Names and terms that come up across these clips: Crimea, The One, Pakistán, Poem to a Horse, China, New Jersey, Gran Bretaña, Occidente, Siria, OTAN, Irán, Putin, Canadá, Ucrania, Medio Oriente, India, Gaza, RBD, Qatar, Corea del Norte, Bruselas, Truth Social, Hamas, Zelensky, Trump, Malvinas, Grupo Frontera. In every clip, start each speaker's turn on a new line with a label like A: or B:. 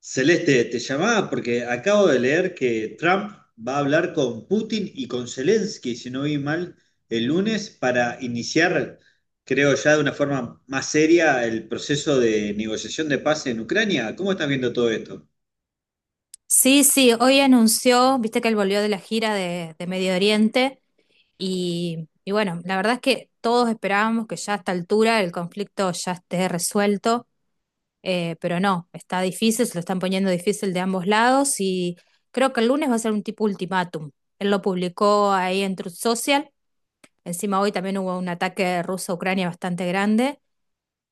A: Celeste, te llamaba porque acabo de leer que Trump va a hablar con Putin y con Zelensky, si no vi mal, el lunes para iniciar, creo ya de una forma más seria, el proceso de negociación de paz en Ucrania. ¿Cómo estás viendo todo esto?
B: Sí, sí, hoy anunció, viste que él volvió de la gira de Medio Oriente y bueno, la verdad es que todos esperábamos que ya a esta altura el conflicto ya esté resuelto, pero no, está difícil, se lo están poniendo difícil de ambos lados y creo que el lunes va a ser un tipo ultimátum. Él lo publicó ahí en Truth Social, encima hoy también hubo un ataque ruso a Ucrania bastante grande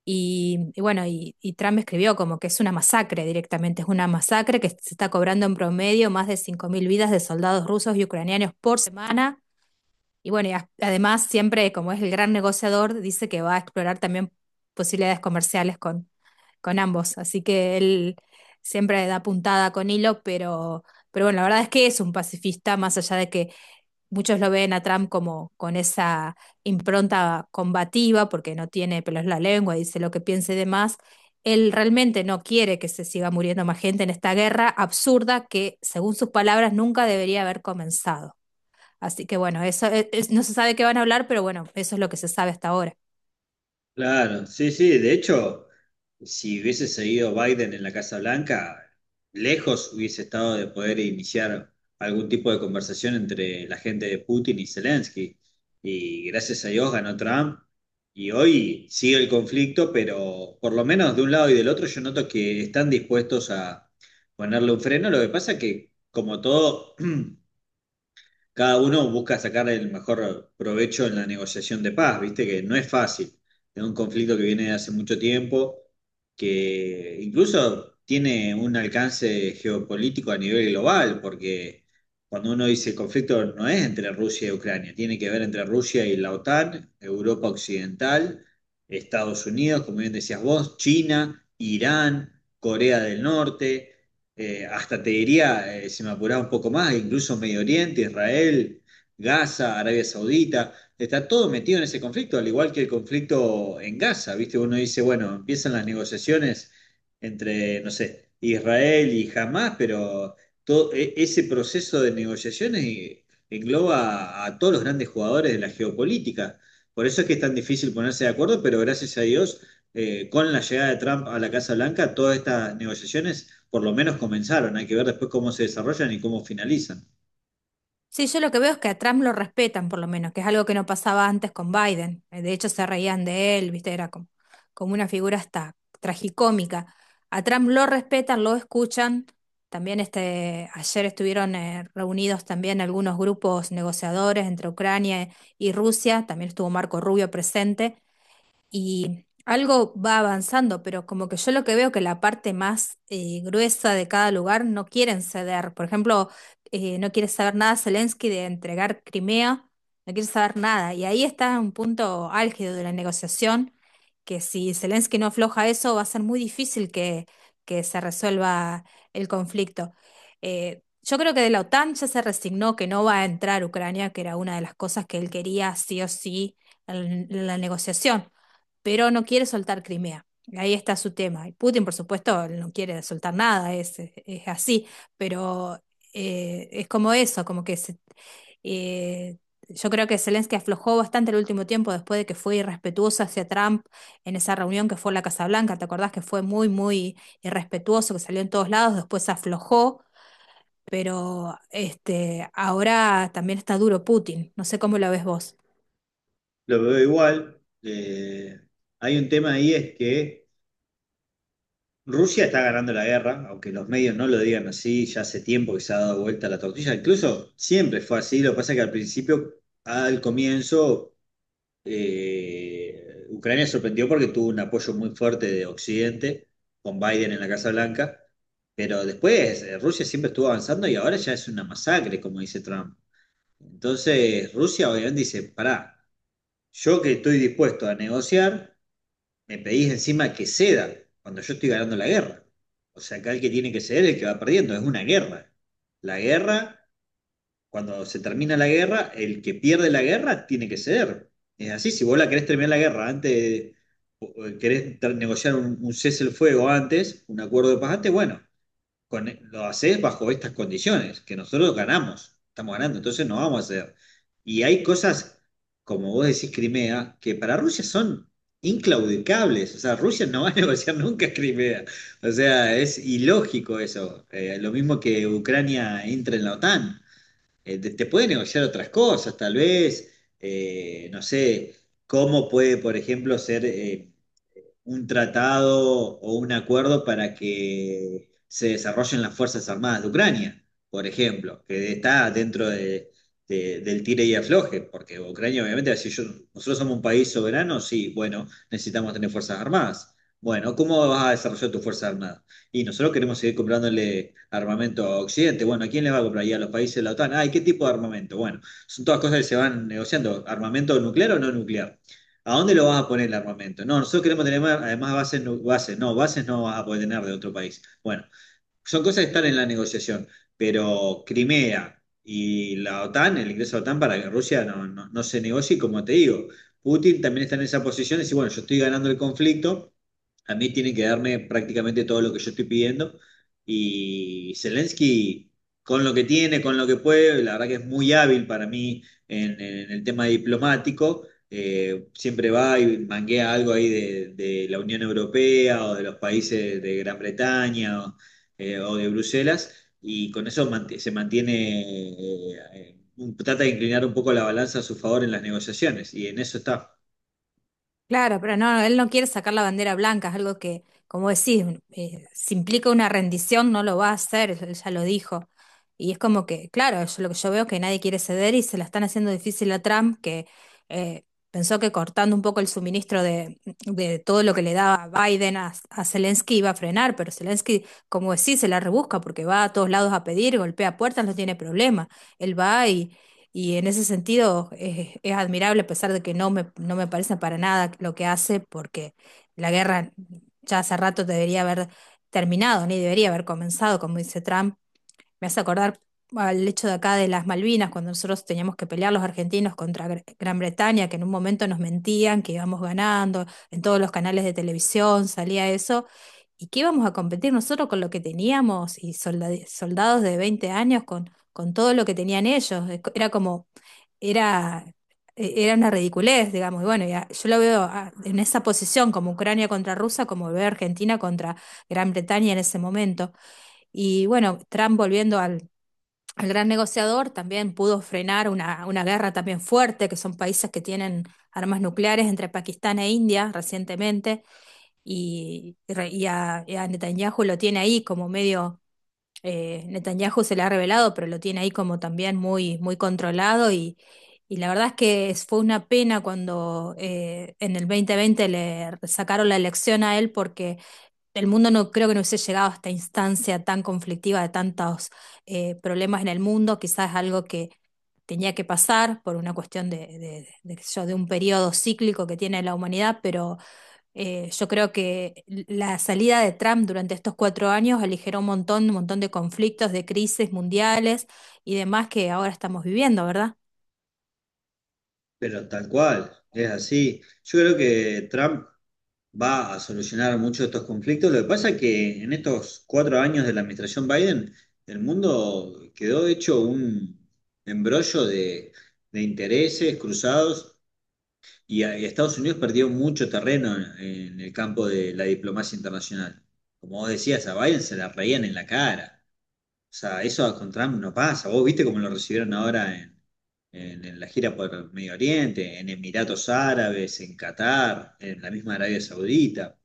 B: y bueno, y Trump escribió como que es una masacre directamente, es una masacre que se está cobrando en promedio más de 5.000 vidas de soldados rusos y ucranianos por semana. Y bueno, y además siempre como es el gran negociador, dice que va a explorar también posibilidades comerciales con ambos. Así que él siempre da puntada con hilo, pero bueno, la verdad es que es un pacifista, más allá de que muchos lo ven a Trump como con esa impronta combativa, porque no tiene pelos en la lengua, dice lo que piense de más. Él realmente no quiere que se siga muriendo más gente en esta guerra absurda que, según sus palabras, nunca debería haber comenzado. Así que bueno, no se sabe qué van a hablar, pero bueno, eso es lo que se sabe hasta ahora.
A: Claro, sí, sí. De hecho, si hubiese seguido Biden en la Casa Blanca, lejos hubiese estado de poder iniciar algún tipo de conversación entre la gente de Putin y Zelensky. Y gracias a Dios ganó Trump. Y hoy sigue el conflicto, pero por lo menos de un lado y del otro yo noto que están dispuestos a ponerle un freno. Lo que pasa que, como todo, cada uno busca sacar el mejor provecho en la negociación de paz, viste que no es fácil. Es un conflicto que viene de hace mucho tiempo, que incluso tiene un alcance geopolítico a nivel global, porque cuando uno dice conflicto no es entre Rusia y Ucrania, tiene que ver entre Rusia y la OTAN, Europa Occidental, Estados Unidos, como bien decías vos, China, Irán, Corea del Norte, hasta te diría, si me apuraba un poco más, incluso Medio Oriente, Israel, Gaza, Arabia Saudita, está todo metido en ese conflicto, al igual que el conflicto en Gaza, ¿viste? Uno dice, bueno, empiezan las negociaciones entre, no sé, Israel y Hamas, pero ese proceso de negociaciones engloba a todos los grandes jugadores de la geopolítica. Por eso es que es tan difícil ponerse de acuerdo, pero gracias a Dios, con la llegada de Trump a la Casa Blanca, todas estas negociaciones por lo menos comenzaron, hay que ver después cómo se desarrollan y cómo finalizan.
B: Sí, yo lo que veo es que a Trump lo respetan, por lo menos, que es algo que no pasaba antes con Biden. De hecho, se reían de él, ¿viste? Era como, como una figura hasta tragicómica. A Trump lo respetan, lo escuchan. También este, ayer estuvieron reunidos también algunos grupos negociadores entre Ucrania y Rusia. También estuvo Marco Rubio presente y algo va avanzando, pero como que yo lo que veo que la parte más gruesa de cada lugar no quieren ceder. Por ejemplo, no quiere saber nada Zelensky de entregar Crimea, no quiere saber nada. Y ahí está un punto álgido de la negociación, que si Zelensky no afloja eso, va a ser muy difícil que se resuelva el conflicto. Yo creo que de la OTAN ya se resignó que no va a entrar Ucrania, que era una de las cosas que él quería sí o sí en la negociación, pero no quiere soltar Crimea. Ahí está su tema. Y Putin, por supuesto, no quiere soltar nada, es así, pero es como eso, eh, yo creo que Zelensky aflojó bastante el último tiempo después de que fue irrespetuoso hacia Trump en esa reunión que fue en la Casa Blanca. ¿Te acordás que fue muy, muy irrespetuoso, que salió en todos lados? Después se aflojó, pero este, ahora también está duro Putin. No sé cómo lo ves vos.
A: Lo veo igual, hay un tema ahí es que Rusia está ganando la guerra, aunque los medios no lo digan así, ya hace tiempo que se ha dado vuelta la tortilla, incluso siempre fue así, lo que pasa es que al principio, al comienzo, Ucrania sorprendió porque tuvo un apoyo muy fuerte de Occidente, con Biden en la Casa Blanca, pero después Rusia siempre estuvo avanzando y ahora ya es una masacre, como dice Trump. Entonces Rusia obviamente dice, pará, yo que estoy dispuesto a negociar, me pedís encima que ceda cuando yo estoy ganando la guerra. O sea, acá el que tiene que ceder es el que va perdiendo, es una guerra. La guerra, cuando se termina la guerra, el que pierde la guerra tiene que ceder. Es así, si vos la querés terminar la guerra antes, o querés negociar un cese el fuego antes, un acuerdo de paz antes, bueno, lo haces bajo estas condiciones, que nosotros ganamos, estamos ganando, entonces no vamos a hacer. Y hay cosas, como vos decís, Crimea, que para Rusia son inclaudicables, o sea, Rusia no va a negociar nunca Crimea, o sea, es ilógico eso. Lo mismo que Ucrania entra en la OTAN. Te puede negociar otras cosas, tal vez, no sé, cómo puede, por ejemplo, ser... un tratado o un acuerdo para que se desarrollen las Fuerzas Armadas de Ucrania, por ejemplo, que está dentro del tire y afloje, porque Ucrania obviamente, si yo, nosotros somos un país soberano, sí, bueno, necesitamos tener Fuerzas Armadas. Bueno, ¿cómo vas a desarrollar tus Fuerzas Armadas? Y nosotros queremos seguir comprándole armamento a Occidente. Bueno, ¿a quién le va a comprar? Y a los países de la OTAN. Ay, ¿qué tipo de armamento? Bueno, son todas cosas que se van negociando. ¿Armamento nuclear o no nuclear? ¿A dónde lo vas a poner el armamento? No, nosotros queremos tener además bases, bases no vas a poder tener de otro país. Bueno, son cosas que están en la negociación, pero Crimea y la OTAN, el ingreso a la OTAN para que Rusia no se negocie, y como te digo, Putin también está en esa posición y dice, bueno, yo estoy ganando el conflicto, a mí tienen que darme prácticamente todo lo que yo estoy pidiendo y Zelensky, con lo que tiene, con lo que puede, la verdad que es muy hábil para mí en el tema diplomático, siempre va y manguea algo ahí de la Unión Europea o de los países de Gran Bretaña, o de Bruselas, y con eso se mantiene, trata de inclinar un poco la balanza a su favor en las negociaciones, y en eso está.
B: Claro, pero no, él no quiere sacar la bandera blanca, es algo que, como decís, si implica una rendición no lo va a hacer, él ya lo dijo. Y es como que, claro, yo, lo que yo veo es que nadie quiere ceder y se la están haciendo difícil a Trump, que eh, pensó que cortando un poco el suministro de todo lo que le daba Biden a Zelensky iba a frenar, pero Zelensky, como decís, se la rebusca porque va a todos lados a pedir, golpea puertas, no tiene problema. Él va y en ese sentido es admirable, a pesar de que no me parece para nada lo que hace, porque la guerra ya hace rato debería haber terminado, ni debería haber comenzado, como dice Trump. Me hace acordar al hecho de acá de las Malvinas, cuando nosotros teníamos que pelear los argentinos contra Gran Bretaña, que en un momento nos mentían que íbamos ganando, en todos los canales de televisión salía eso. ¿Y qué íbamos a competir nosotros con lo que teníamos y soldados de 20 años con todo lo que tenían ellos? Era como era, era una ridiculez, digamos. Y bueno, yo lo veo en esa posición, como Ucrania contra Rusia, como veo Argentina contra Gran Bretaña en ese momento. Y bueno, Trump volviendo al gran negociador, también pudo frenar una guerra también fuerte, que son países que tienen armas nucleares entre Pakistán e India recientemente, y a Netanyahu lo tiene ahí como medio Netanyahu se le ha revelado, pero lo tiene ahí como también muy, muy controlado y la verdad es que fue una pena cuando en el 2020 le sacaron la elección a él, porque el mundo no creo que no hubiese llegado a esta instancia tan conflictiva de tantos problemas en el mundo, quizás algo que tenía que pasar por una cuestión qué sé yo, de un periodo cíclico que tiene la humanidad, pero yo creo que la salida de Trump durante estos cuatro años aligeró un montón de conflictos, de crisis mundiales y demás que ahora estamos viviendo, ¿verdad?
A: Pero tal cual, es así. Yo creo que Trump va a solucionar muchos de estos conflictos. Lo que pasa es que en estos cuatro años de la administración Biden, el mundo quedó hecho un embrollo de intereses cruzados. Estados Unidos perdió mucho terreno en el campo de la diplomacia internacional. Como vos decías, a Biden se la reían en la cara. O sea, eso con Trump no pasa. Vos viste cómo lo recibieron ahora en la gira por Medio Oriente, en Emiratos Árabes, en Qatar, en la misma Arabia Saudita,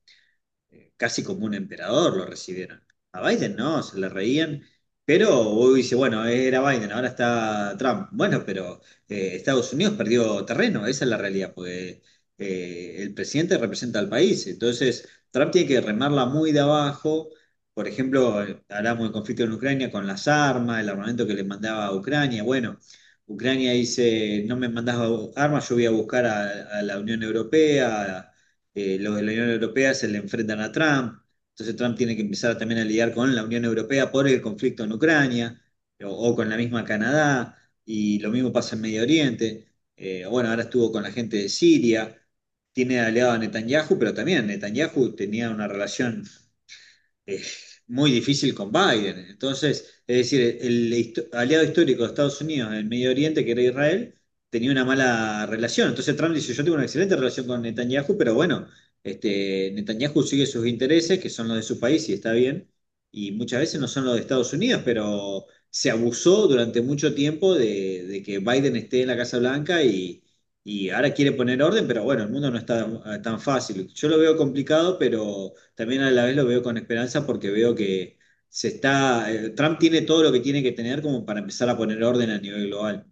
A: casi como un emperador lo recibieron. A Biden no, se le reían, pero hoy dice, bueno, era Biden, ahora está Trump. Bueno, pero Estados Unidos perdió terreno, esa es la realidad, porque el presidente representa al país, entonces Trump tiene que remarla muy de abajo. Por ejemplo, hablamos del conflicto en Ucrania con las armas, el armamento que le mandaba a Ucrania. Bueno, Ucrania dice, no me mandas armas, yo voy a buscar a la Unión Europea, lo de la Unión Europea se le enfrentan a Trump, entonces Trump tiene que empezar también a lidiar con la Unión Europea por el conflicto en Ucrania o con la misma Canadá, y lo mismo pasa en Medio Oriente, bueno, ahora estuvo con la gente de Siria, tiene aliado a Netanyahu, pero también Netanyahu tenía una relación eh, muy difícil con Biden. Entonces, es decir, el aliado histórico de Estados Unidos en el Medio Oriente, que era Israel, tenía una mala relación. Entonces Trump dice, yo tengo una excelente relación con Netanyahu, pero bueno, este, Netanyahu sigue sus intereses, que son los de su país y está bien, y muchas veces no son los de Estados Unidos, pero se abusó durante mucho tiempo de que Biden esté en la Casa Blanca y... Y ahora quiere poner orden, pero bueno, el mundo no está tan fácil. Yo lo veo complicado, pero también a la vez lo veo con esperanza porque veo que se está, Trump tiene todo lo que tiene que tener como para empezar a poner orden a nivel global.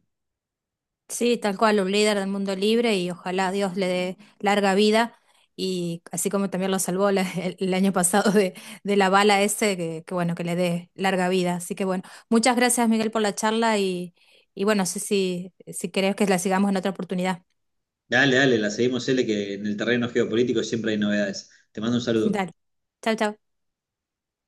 B: Sí, tal cual, un líder del mundo libre y ojalá Dios le dé larga vida y así como también lo salvó el año pasado de la bala ese, que bueno, que le dé larga vida. Así que bueno, muchas gracias Miguel por la charla y bueno, no sé si querés que la sigamos en otra oportunidad.
A: Dale, dale, la seguimos, L, que en el terreno geopolítico siempre hay novedades. Te mando un saludo.
B: Dale, chao, chao.